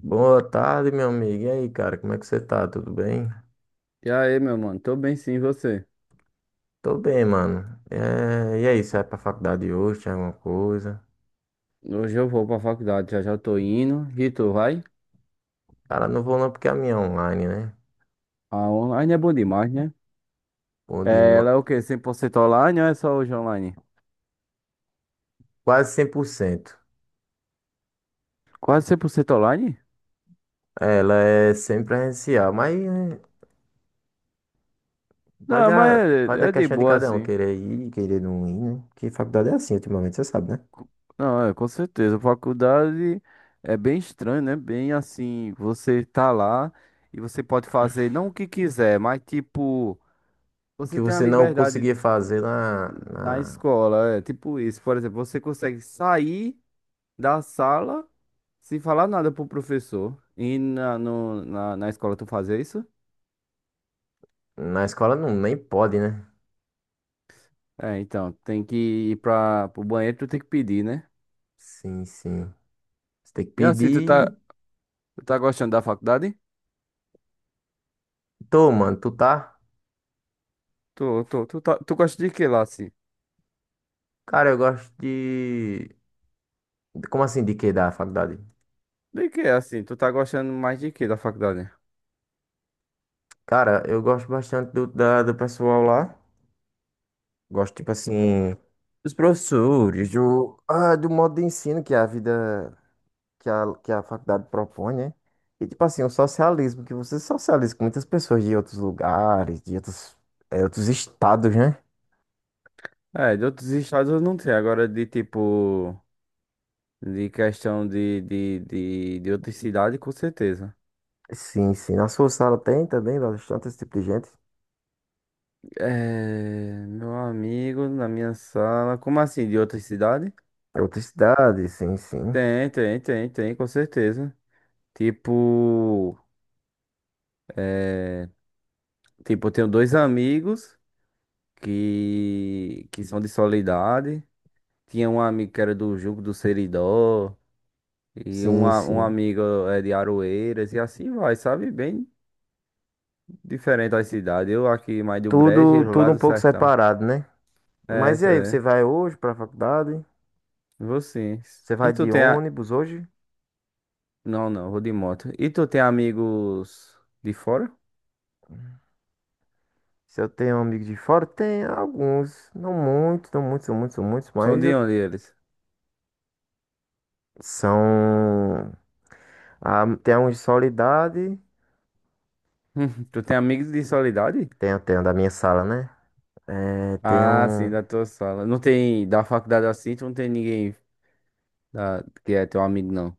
Boa tarde, meu amigo. E aí, cara, como é que você tá? Tudo bem? E aí, meu mano? Tô bem sim, e você? Tô bem, mano. É, e aí, você vai pra faculdade hoje? Tem alguma coisa? Hoje eu vou pra faculdade, já já tô indo. E tu, vai? Cara, não vou não porque a minha é online, né? A online é bom demais, né? Onde É, ma- ela é o quê? 100% online ou é só hoje online? Quase 100%. Quase 100% online? Ela é sempre presencial, mas é, vai Não, mas da... vai da é de questão de boa cada um assim. querer ir, e querer não ir, né? Porque faculdade é assim ultimamente, você sabe, né? Não, é, com certeza. Faculdade é bem estranho, né? Bem assim, você tá lá e você pode fazer não o que quiser, mas tipo, O que você tem a você não liberdade conseguia fazer na, na na... escola, é tipo isso. Por exemplo, você consegue sair da sala sem falar nada pro professor. E na, no- na, na escola tu fazer isso? Na escola não, nem pode, né? É, então, tem que ir pro banheiro, tu tem que pedir, né? Sim, sim. Você tem que E assim, tu tá, pedir. tu tá gostando da faculdade? Tô, mano, tu tá? Tu gosta de que lá, assim? Cara, eu gosto de. De- Como assim, de que da faculdade? De que, assim? Tu tá gostando mais de que da faculdade? Cara, eu gosto bastante do pessoal lá. Gosto, tipo assim, dos professores, do modo de ensino que a vida, que a faculdade propõe, né? E, tipo assim, o socialismo, que você socializa com muitas pessoas de outros lugares, de outros estados, né? É, de outros estados eu não sei. Agora, de tipo, de questão de outra cidade, com certeza. Sim, sim. Na sua sala tem também bastante esse tipo de gente. É, meu amigo, na minha sala. Como assim, de outra cidade? Outras cidades, sim, sim. Tem, com certeza. Tipo, é, tipo, eu tenho dois amigos que são de Soledade. Tinha um amigo que era do Jugo do Seridó. E um, Sim, a- um sim. amigo é de Aroeiras. E assim vai, sabe? Bem diferente da cidade. Eu aqui mais do Brejo e Tudo, eles lá tudo um do pouco Sertão. separado, né? É, Mas e isso aí, você é. vai hoje pra faculdade? Vou sim. Você E vai tu de tem a. ônibus hoje? Não, não, vou de moto. E tu tem amigos de fora? Se eu tenho amigos de fora, tem alguns, não muitos, não muitos, são muitos, são muitos, São mas de onde eles? são. Ah, tem uns de solidade, Tu tem amigos de Soledade? tem um da minha sala, né? É, tem Ah, sim, um. da tua sala. Não tem, da faculdade assim, tu não tem ninguém que é teu amigo, não.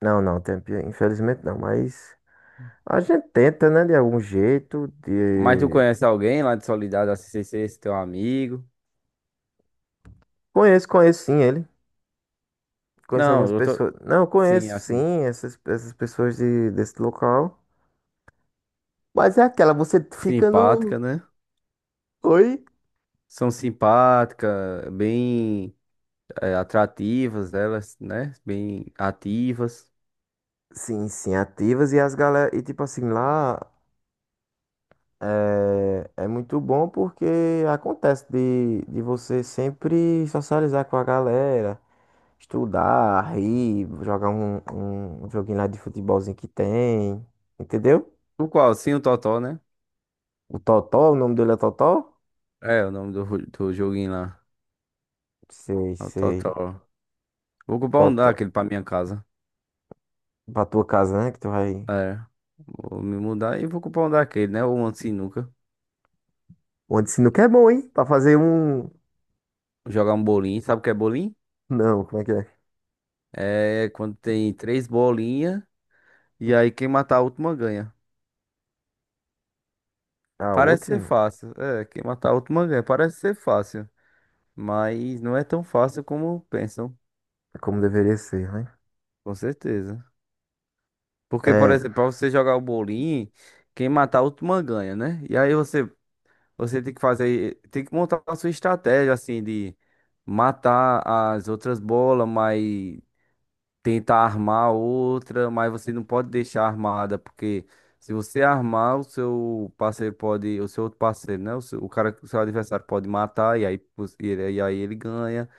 Não, não, tem, infelizmente não, mas a gente tenta, né, de algum jeito, Mas tu de. conhece alguém lá de Soledade, assim, sem ser esse teu amigo? Conheço sim ele. Conheço Não, algumas eu tô, pessoas. Não, sim, conheço assim, sim essas pessoas desse local. Mas é aquela, você fica no, simpática, né? oi? São simpáticas, bem é, atrativas elas, né? Bem ativas. Sim, sim, ativas e as galera. E tipo assim, lá é muito bom porque acontece de você sempre socializar com a galera, estudar, rir, jogar um joguinho lá de futebolzinho que tem, entendeu? No qual? Sim, o Totó, né? O Totó, o nome dele é Totó? É, o nome do joguinho lá. Sei, É o sei. Totó. Vou comprar um Totó. daquele pra minha casa. Pra tua casa, né? Que tu vai. É. Vou me mudar e vou comprar um daquele, né? Ou um sinuca. Onde sinuca é bom, hein? Pra fazer um. Jogar um bolinho. Sabe o que é bolinho? Não, como é que é? É quando tem três bolinhas e aí quem matar a última ganha. A Parece ser última. fácil. É, quem matar a última ganha. Parece ser fácil. Mas não é tão fácil como pensam, É como deveria ser, né? com certeza. Porque, por É. exemplo, pra você jogar o bolinho, quem matar a última ganha, né? E aí você tem que fazer, tem que montar a sua estratégia, assim, de matar as outras bolas, mas tenta armar outra, mas você não pode deixar armada, porque se você armar, o seu parceiro pode, o seu outro parceiro, né? O seu, o cara, o seu adversário pode matar e aí ele ganha.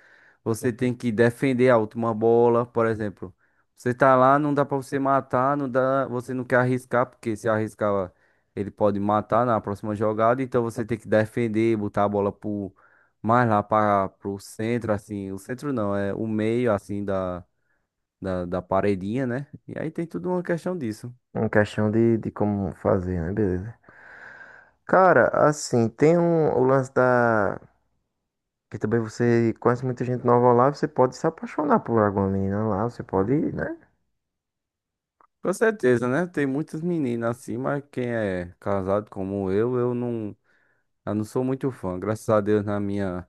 Você tem que defender a última bola, por exemplo. Você tá lá, não dá pra você matar, não dá, você não quer arriscar, porque se arriscar, ele pode matar na próxima jogada, então você tem que defender, botar a bola pro mais lá para pro centro assim, o centro não, é o meio assim da paredinha, né? E aí tem tudo uma questão disso. Uma questão de como fazer, né? Beleza. Cara, assim, tem um, o lance da. Que também você conhece muita gente nova lá, você pode se apaixonar por alguma menina lá, você pode, né? Com certeza, né? Tem muitas meninas assim, mas quem é casado como eu, eu não sou muito fã. Graças a Deus na minha,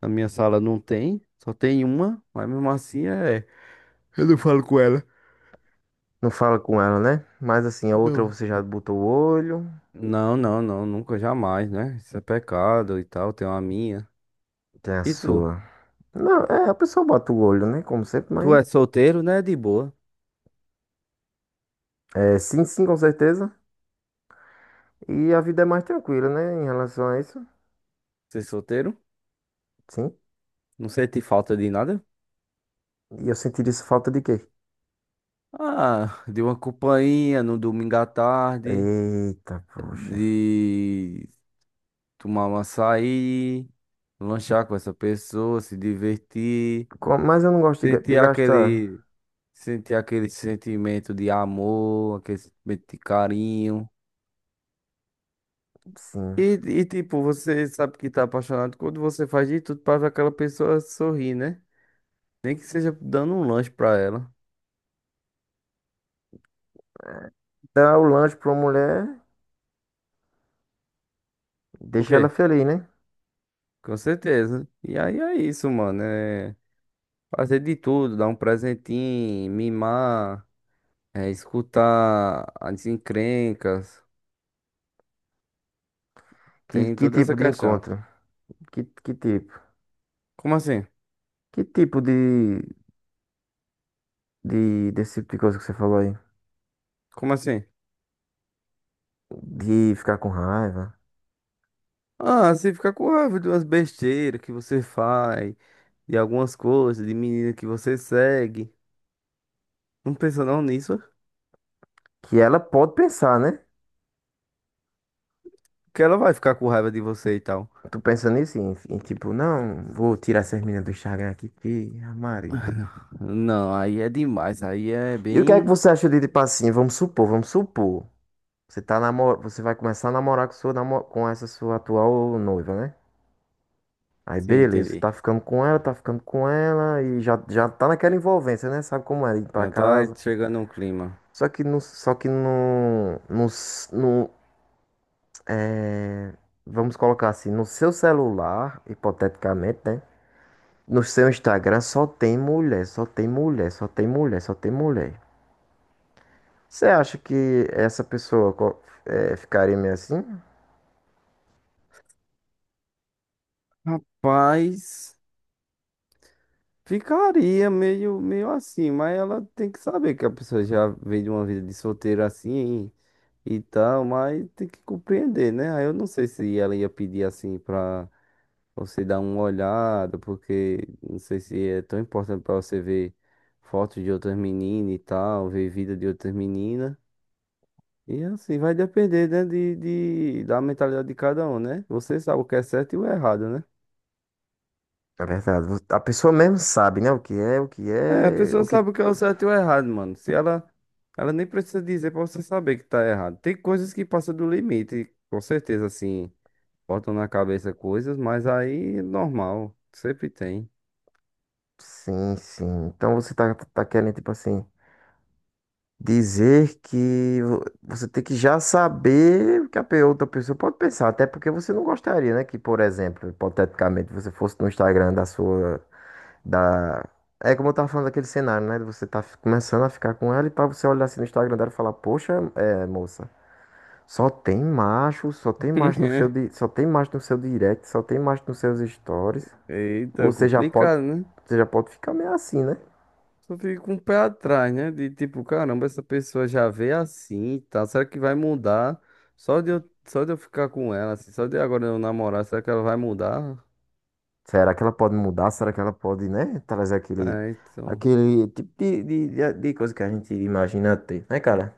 na minha sala não tem, só tem uma, mas mesmo assim é. Eu não falo com ela. Não fala com ela, né? Mas assim, a outra Não. você já botou o olho. Não, não, não, nunca jamais, né? Isso é pecado e tal, tem uma minha. Tem a E tu? sua. Não, é, a pessoa bota o olho, né? Como sempre, Tu mas. é solteiro, né? De boa. É, sim, sim, com certeza. E a vida é mais tranquila, né? Em relação a isso. Você é solteiro? Sim. Não sente falta de nada? E eu sentiria isso falta de quê? Ah, de uma companhia no domingo à tarde. Eita, poxa. De tomar um açaí, lanchar com essa pessoa, se divertir, Mas eu não gosto de sentir gastar. aquele, sentir aquele sentimento de amor, aquele sentimento de carinho. Sim. E, e tipo, você sabe que tá apaixonado quando você faz de tudo pra ver aquela pessoa sorrir, né? Nem que seja dando um lanche pra ela. Dar o lanche pra uma mulher, O deixa ela quê? feliz, né? Com certeza. E aí é isso, mano. É fazer de tudo, dar um presentinho, mimar. É, escutar as encrencas, Que, tem que toda essa tipo de questão. encontro? Que tipo? Como assim? Que tipo desse tipo de coisa que você falou aí? Como assim? De ficar com raiva? Ah, você fica com raiva de umas besteiras que você faz, de algumas coisas, de menina que você segue. Não pensa não nisso, Que ela pode pensar, né? que ela vai ficar com raiva de você e tal. Tu pensa nisso, em tipo, não, vou tirar essas meninas do Instagram aqui, que a Maria. Não, aí é demais, aí é E o que é que bem. você acha de, tipo assim, vamos supor, você vai começar a namorar com essa sua atual noiva, né? Aí Sim, beleza, entendi. tá ficando com ela, tá ficando com ela e já, já tá naquela envolvência, né? Sabe como é ir pra Já tá casa. chegando um clima. Só que no, vamos colocar assim, no seu celular, hipoteticamente, né? No seu Instagram só tem mulher, só tem mulher, só tem mulher, só tem mulher. Você acha que essa pessoa ficaria meio assim? Rapaz, ficaria meio, meio assim, mas ela tem que saber que a pessoa já vem de uma vida de solteiro assim, e tal, mas tem que compreender, né? Aí eu não sei se ela ia pedir assim pra você dar uma olhada, porque não sei se é tão importante pra você ver fotos de outras meninas e tal, ver vida de outras meninas. E assim, vai depender, né, da mentalidade de cada um, né? Você sabe o que é certo e o errado, né? É verdade. A pessoa mesmo sabe, né? O que é, o que É, a é, pessoa o que. sabe o que é o certo e o errado, mano. Se ela nem precisa dizer pra você saber que tá errado. Tem coisas que passam do limite, com certeza, assim. Botam na cabeça coisas, mas aí é normal, sempre tem. Sim, sim. Então você tá querendo, tipo assim. Dizer que você tem que já saber o que a outra pessoa pode pensar, até porque você não gostaria, né? Que, por exemplo, hipoteticamente, você fosse no Instagram da sua, da... É como eu tava falando daquele cenário, né? de Você tá começando a ficar com ela e pra você olhar assim no Instagram dela e falar, poxa, é, moça, só tem macho no seu, di- só tem macho no seu direct, só tem macho nos seus stories. Eita, Você já pode, complicado, né? você já pode ficar meio assim, né? Só fica com o pé atrás, né? De tipo, caramba, essa pessoa já veio assim e tal. Será que vai mudar? Só de eu ficar com ela, assim, só de agora eu namorar, será que ela vai mudar? Será que ela pode mudar? Será que ela pode, né, trazer aquele, É, então. aquele tipo de coisa que a gente imagina ter, né, cara?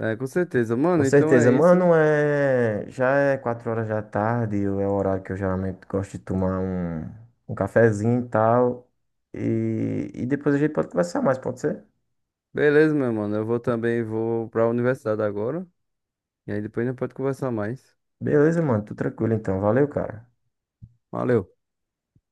É, com certeza. Com Mano, então certeza, é isso. mano, já é 4 horas da tarde, é o horário que eu geralmente gosto de tomar um cafezinho e tal. E depois a gente pode conversar mais, pode ser? Beleza, meu mano. Eu vou também, vou pra universidade agora. E aí depois a gente pode conversar mais. Beleza, mano, tudo tranquilo então. Valeu, cara. Valeu.